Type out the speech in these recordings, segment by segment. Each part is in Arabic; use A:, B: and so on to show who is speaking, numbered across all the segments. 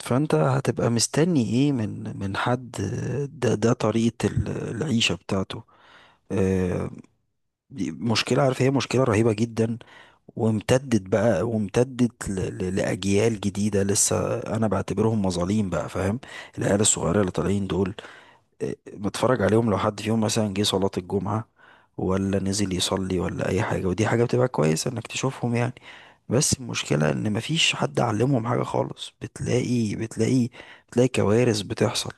A: فانت هتبقى مستني ايه من حد. ده طريقة العيشة بتاعته. آه، دي مشكلة، عارف، هي مشكلة رهيبة جدا وامتدت بقى، وامتدت لأجيال جديدة لسه أنا بعتبرهم مظالم بقى، فاهم. العيال الصغيرة اللي طالعين دول بتفرج عليهم لو حد فيهم مثلا جه صلاة الجمعة ولا نزل يصلي ولا أي حاجة، ودي حاجة بتبقى كويسة إنك تشوفهم يعني. بس المشكلة إن مفيش حد علمهم حاجة خالص، بتلاقي كوارث بتحصل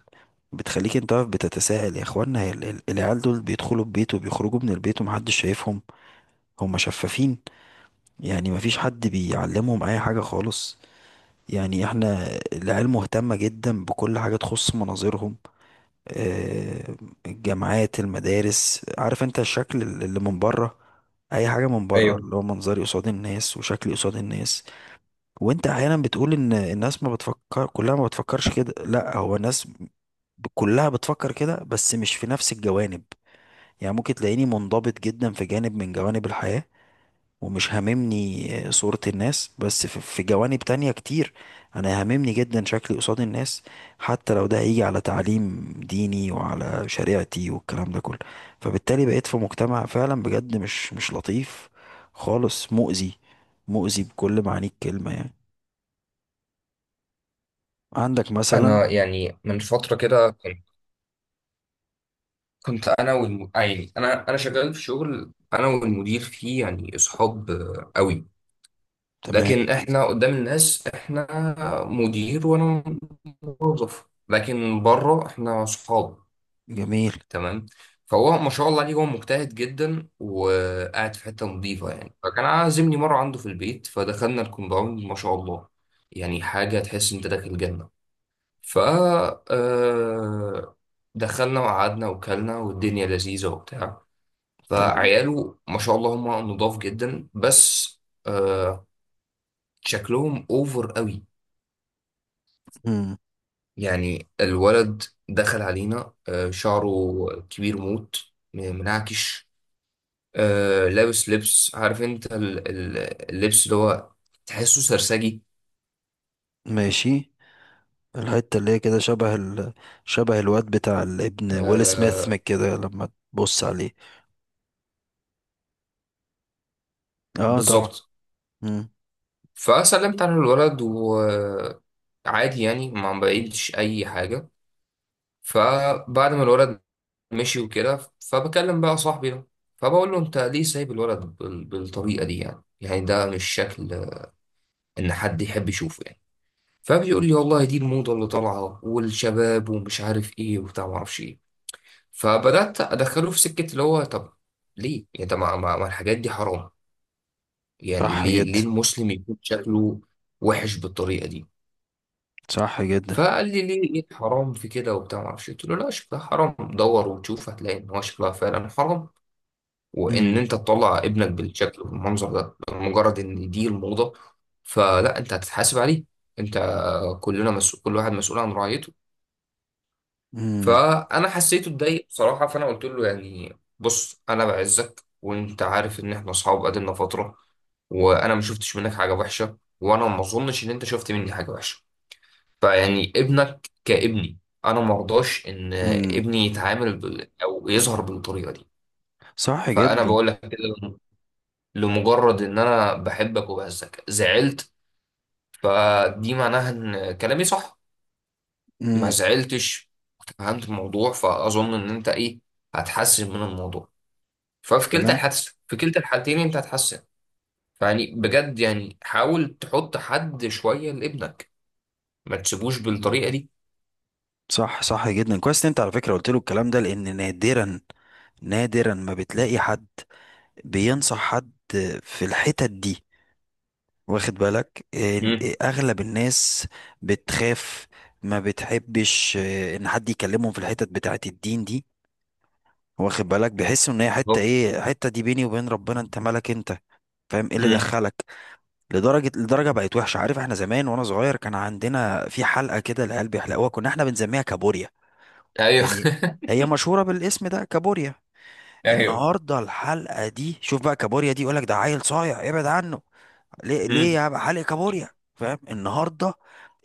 A: بتخليك انت واقف بتتساءل يا اخوانا، هي العيال دول بيدخلوا البيت وبيخرجوا من البيت ومحدش شايفهم؟ هم شفافين يعني، مفيش حد بيعلمهم اي حاجة خالص. يعني احنا العيال مهتمة جدا بكل حاجة تخص مناظرهم، آه، الجامعات، المدارس، عارف انت الشكل اللي من بره، اي حاجه من بره
B: ايوه.
A: اللي هو منظري قصاد الناس وشكلي قصاد الناس. وانت احيانا بتقول ان الناس ما بتفكر كلها، ما بتفكرش كده، لا هو الناس كلها بتفكر كده بس مش في نفس الجوانب. يعني ممكن تلاقيني منضبط جدا في جانب من جوانب الحياه ومش هاممني صورة الناس، بس في جوانب تانية كتير انا هاممني جدا شكلي قصاد الناس، حتى لو ده هيجي على تعليم ديني وعلى شريعتي والكلام ده كله. فبالتالي بقيت في مجتمع فعلا بجد مش لطيف خالص، مؤذي، مؤذي بكل معاني الكلمة يعني. عندك مثلا.
B: انا يعني من فتره كده كنت انا والم... آه يعني انا شغال في شغل انا والمدير فيه يعني اصحاب قوي.
A: تمام.
B: لكن احنا قدام الناس احنا مدير وانا موظف، لكن بره احنا اصحاب.
A: جميل.
B: تمام. فهو ما شاء الله عليه، هو مجتهد جدا وقاعد في حته نظيفه، يعني فكان عازمني مره عنده في البيت، فدخلنا الكومباوند ما شاء الله، يعني حاجه تحس انت داخل جنه. ف آه، دخلنا وقعدنا وكلنا والدنيا لذيذة وبتاع.
A: تمام.
B: فعياله ما شاء الله هم نضاف جدا، بس آه، شكلهم اوفر قوي.
A: مم.
B: يعني الولد دخل علينا، شعره كبير موت، منعكش، لابس لبس، عارف انت اللبس اللي هو تحسه سرسجي.
A: ماشي. الحتة اللي هي كده شبه شبه الواد بتاع الابن ويل سميث من
B: آه،
A: كده لما تبص عليه. اه طبعا.
B: بالظبط.
A: مم.
B: فسلمت على الولد وعادي يعني ما بعيدش اي حاجة. فبعد ما الولد مشي وكده، فبكلم بقى صاحبي ده، فبقول له انت ليه سايب الولد بالطريقه دي؟ يعني يعني ده مش شكل ان حد يحب يشوفه يعني. فبيقول لي والله دي الموضه اللي طالعه والشباب ومش عارف ايه وبتاع ما اعرفش ايه. فبدات ادخله في سكه اللي هو طب ليه؟ يعني طب ما الحاجات دي حرام؟ يعني
A: صح
B: ليه؟ ليه
A: جدا.
B: المسلم يكون شكله وحش بالطريقه دي؟
A: صح جدا.
B: فقال لي ليه؟ ايه الحرام في كده وبتاع ما اعرفش إيه. قلت له لا شكلها حرام، دور وتشوف، هتلاقي ان هو شكلها فعلا حرام. وان
A: امم.
B: انت تطلع ابنك بالشكل والمنظر ده مجرد ان دي الموضة، فلا، انت هتتحاسب عليه. انت، كلنا مسؤول، كل واحد مسؤول عن رعيته.
A: امم.
B: فانا حسيته اتضايق بصراحة، فانا قلت له يعني بص، انا بعزك وانت عارف ان احنا اصحاب قدنا فترة، وانا ما شفتش منك حاجة وحشة، وانا ما اظنش ان انت شفت مني حاجة وحشة. فيعني ابنك كابني، انا ما ارضاش ان
A: امم.
B: ابني يتعامل او يظهر بالطريقة دي.
A: صح
B: فانا
A: جدا.
B: بقول لك كده لمجرد ان انا بحبك. وبهزك زعلت، فدي معناها ان كلامي صح. ما
A: امم.
B: زعلتش فهمت الموضوع، فاظن ان انت ايه، هتحسن من الموضوع. ففي كلتا
A: كلام.
B: الحادثه، في كلتا الحالتين انت هتحسن. فيعني بجد يعني حاول تحط حد شويه لابنك، ما تسيبوش بالطريقه دي.
A: صح، صح جدا، كويس ان انت على فكره قلت له الكلام ده، لان نادرا، نادرا ما بتلاقي حد بينصح حد في الحتت دي. واخد بالك
B: امم.
A: اغلب الناس بتخاف، ما بتحبش ان حد يكلمهم في الحتت بتاعت الدين دي. واخد بالك بيحسوا ان هي حته
B: بالظبط.
A: ايه؟ حته دي بيني وبين ربنا، انت مالك انت، فاهم؟ ايه اللي
B: امم.
A: دخلك؟ لدرجة بقت وحشة. عارف احنا زمان وانا صغير كان عندنا في حلقة كده العيال بيحلقوها كنا احنا بنسميها كابوريا،
B: ايوه.
A: يعني هي مشهورة بالاسم ده، كابوريا.
B: ايوه.
A: النهاردة الحلقة دي، شوف بقى، كابوريا دي يقولك ده عيل صايع، ابعد عنه، ليه ليه
B: امم.
A: يا بقى حالق كابوريا؟ فاهم؟ النهاردة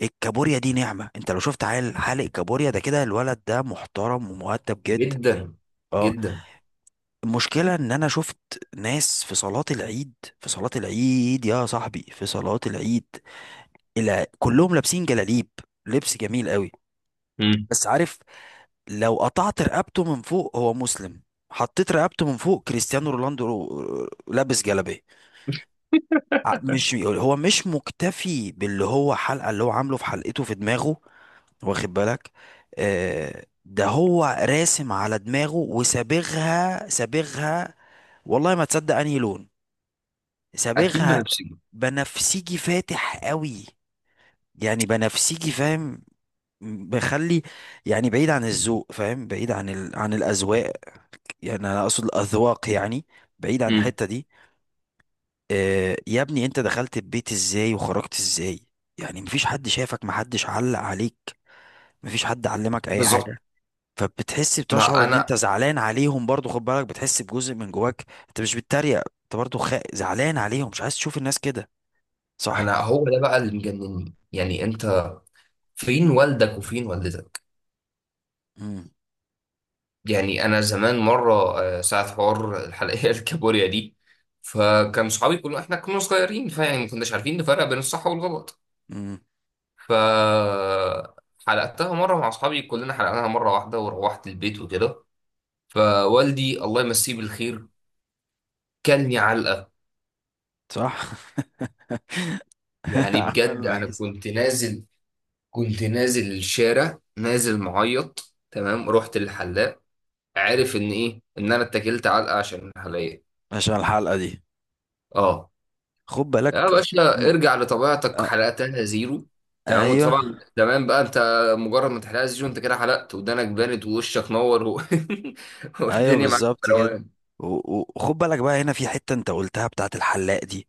A: الكابوريا دي نعمة، انت لو شفت عيل حالق كابوريا ده كده الولد ده محترم ومؤدب جدا.
B: جدا.
A: اه.
B: جدا.
A: المشكلة ان انا شفت ناس في صلاة العيد، في صلاة العيد يا صاحبي، في صلاة العيد، الى كلهم لابسين جلاليب، لبس جميل قوي،
B: امم.
A: بس عارف، لو قطعت رقبته من فوق هو مسلم، حطيت رقبته من فوق كريستيانو رونالدو، لابس جلابيه. مش هو مش مكتفي باللي هو حلقه اللي هو عامله في حلقته في دماغه، واخد بالك، ده هو راسم على دماغه وسابغها، سابغها والله ما تصدق انهي لون
B: اكيد
A: سابغها،
B: بنفسي.
A: بنفسجي فاتح قوي، يعني بنفسجي، فاهم؟ بخلي، يعني بعيد عن الذوق، فاهم، بعيد عن عن الاذواق، يعني انا اقصد الاذواق يعني، بعيد عن
B: امم.
A: الحته دي. آه يا ابني، انت دخلت البيت ازاي وخرجت ازاي؟ يعني مفيش حد شافك، محدش علق عليك، مفيش حد علمك اي
B: بالظبط.
A: حاجه. فبتحس،
B: ما
A: بتشعر ان انت
B: انا
A: زعلان عليهم برضو، خد بالك، بتحس بجزء من جواك انت مش بتتريق، انت برضو زعلان عليهم، مش عايز تشوف الناس كده. صح.
B: انا هو ده بقى اللي مجنني، يعني انت فين والدك وفين والدتك؟
A: امم.
B: يعني انا زمان مره ساعه حوار الحلقيه الكابوريا دي، فكان صحابي كلهم احنا كنا صغيرين، فيعني ما كناش عارفين نفرق بين الصح والغلط.
A: امم.
B: ف حلقتها مره مع اصحابي كلنا، حلقناها مره واحده وروحت البيت وكده. فوالدي الله يمسيه بالخير كلني علقه.
A: صح.
B: يعني
A: عمال
B: بجد
A: ما.
B: انا كنت نازل الشارع نازل معيط. تمام، رحت للحلاق، عارف ان ايه، ان انا اتكلت علقه عشان الحلقيه.
A: عشان الحلقه دي،
B: اه.
A: خد
B: يا
A: بالك.
B: باشا
A: مم.
B: ارجع لطبيعتك،
A: آه.
B: حلقتها زيرو. تمام.
A: ايوه.
B: وطبعا زمان بقى انت مجرد ما تحلقها زيرو انت كده حلقت، ودانك بانت ووشك نور
A: ايوه
B: والدنيا معاك في
A: بالظبط كده.
B: روقان.
A: و- وخد بالك بقى هنا في حتة انت قلتها بتاعت الحلاق دي.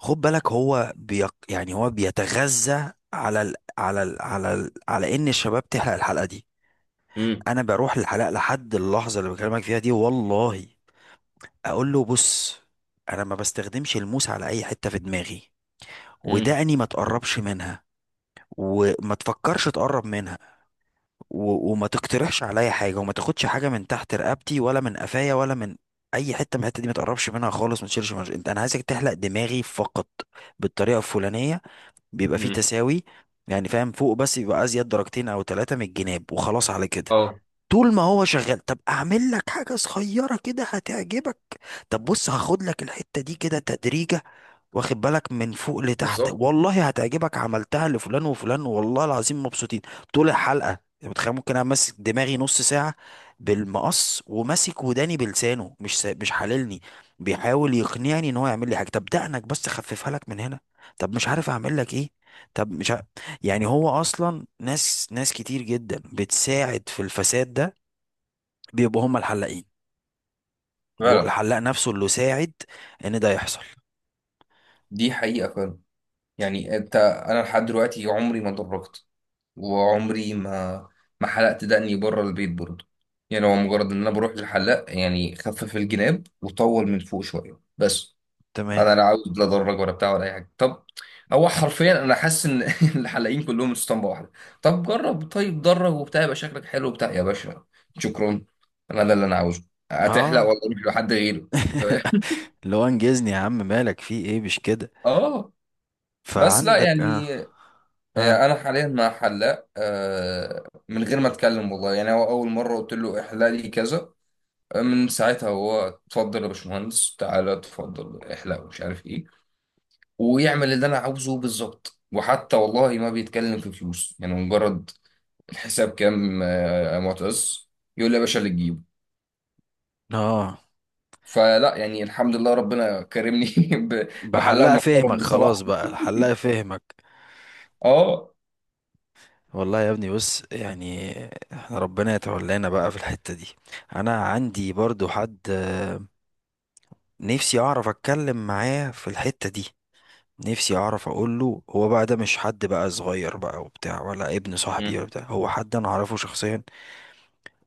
A: خد بالك هو يعني هو بيتغذى على على ان الشباب تحلق الحلقة دي.
B: امم.
A: انا بروح الحلاق لحد اللحظة اللي بكلمك فيها دي والله، اقول له بص، انا ما بستخدمش الموس على اي حتة في دماغي،
B: امم.
A: ودقني ما تقربش منها وما تفكرش تقرب منها، و... وما تقترحش عليا حاجه، وما تاخدش حاجه من تحت رقبتي ولا من قفايا ولا من اي حته من الحته دي، ما تقربش منها خالص، ما تشيلش مش... انت انا عايزك تحلق دماغي فقط بالطريقه الفلانيه، بيبقى فيه
B: امم.
A: تساوي يعني، فاهم، فوق بس يبقى ازيد درجتين او ثلاثه من الجناب وخلاص على كده.
B: اه.
A: طول ما هو شغال، طب اعمل لك حاجه صغيره كده هتعجبك، طب بص هاخد لك الحته دي كده تدريجة، واخد بالك، من فوق لتحت
B: بالظبط.
A: والله هتعجبك، عملتها لفلان وفلان والله العظيم مبسوطين. طول الحلقة، انت متخيل ممكن انا ماسك دماغي نص ساعة بالمقص وماسك وداني بلسانه مش حللني، بيحاول يقنعني ان هو يعمل لي حاجة، طب دقنك بس خففها لك من هنا، طب مش عارف اعمل لك ايه، طب مش ع... يعني هو اصلا ناس كتير جدا بتساعد في الفساد ده، بيبقوا هم الحلاقين، هو
B: فعلا.
A: الحلاق نفسه اللي ساعد ان ده يحصل.
B: دي حقيقة فعلا. يعني انت، انا لحد دلوقتي عمري ما اتدرجت، وعمري ما حلقت دقني بره البيت برضه. يعني هو
A: مم.
B: مجرد ان انا بروح للحلاق، يعني خفف الجناب وطول من فوق شويه بس.
A: تمام.
B: انا لا عاوز لا ادرج ولا بتاع ولا اي حاجه. طب هو حرفيا انا حاسس ان الحلاقين كلهم اسطمبه واحده. طب جرب طيب درج وبتاع يبقى شكلك حلو وبتاع يا باشا. شكرا، انا ده اللي انا عاوزه. هتحلق
A: اه.
B: ولا اروح لحد غيرك؟ ف-
A: اللي هو انجزني يا عم، مالك في ايه، مش كده.
B: اه. بس لا
A: فعندك اه
B: يعني.
A: اه
B: انا حاليا مع حلاق من غير ما اتكلم والله، يعني هو اول مره قلت له احلق لي كذا، من ساعتها هو اتفضل يا باشمهندس تعالى اتفضل احلق ومش عارف ايه، ويعمل اللي انا عاوزه بالظبط. وحتى والله ما بيتكلم في فلوس يعني مجرد الحساب كام يا معتز، يقول لي يا باشا اللي تجيبه.
A: اه
B: فلا يعني الحمد لله ربنا كرمني ب- بحلاق
A: بحلقة
B: محترم
A: فهمك، خلاص
B: بصراحه.
A: بقى، الحلقة فهمك.
B: اه.
A: والله يا ابني بص، يعني احنا ربنا يتولانا بقى في الحتة دي. انا عندي برضو حد، نفسي اعرف اتكلم معاه في الحتة دي، نفسي اعرف اقول له، هو بقى ده مش حد بقى صغير بقى وبتاع ولا ابن صاحبي ولا
B: مم.
A: بتاع، هو حد انا اعرفه شخصيا،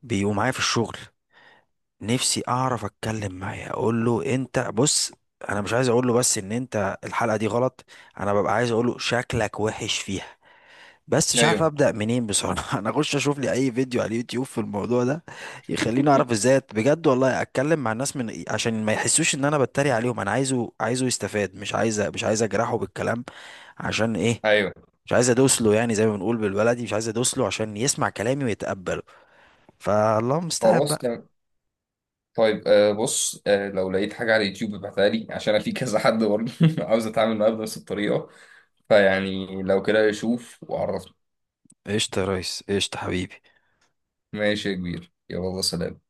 A: بيبقوا معايا في الشغل. نفسي اعرف اتكلم معاه اقول له، انت بص، انا مش عايز اقول له بس ان انت الحلقه دي غلط، انا ببقى عايز اقول له شكلك وحش فيها، بس مش عارف
B: ايوه.
A: ابدا منين بصراحه. انا اخش اشوف لي اي فيديو على اليوتيوب في الموضوع ده يخليني اعرف ازاي بجد والله اتكلم مع الناس من إيه، عشان ما يحسوش ان انا بتريق عليهم، انا عايزه يستفاد، مش عايز اجرحه بالكلام، عشان ايه،
B: ايوه.
A: مش عايز ادوس له يعني زي ما بنقول بالبلدي، مش عايز ادوس له عشان يسمع كلامي ويتقبله. فالله المستعان
B: خلاص.
A: بقى.
B: طيب آه بص، آه لو لقيت حاجة على اليوتيوب ابعتها لي، عشان أنا في كذا حد برضه عاوز أتعامل معاه بنفس الطريقة. فيعني لو كده شوف وعرفني.
A: قشطة يا ريس، قشطة حبيبي.
B: ماشي يا كبير، يلا سلام.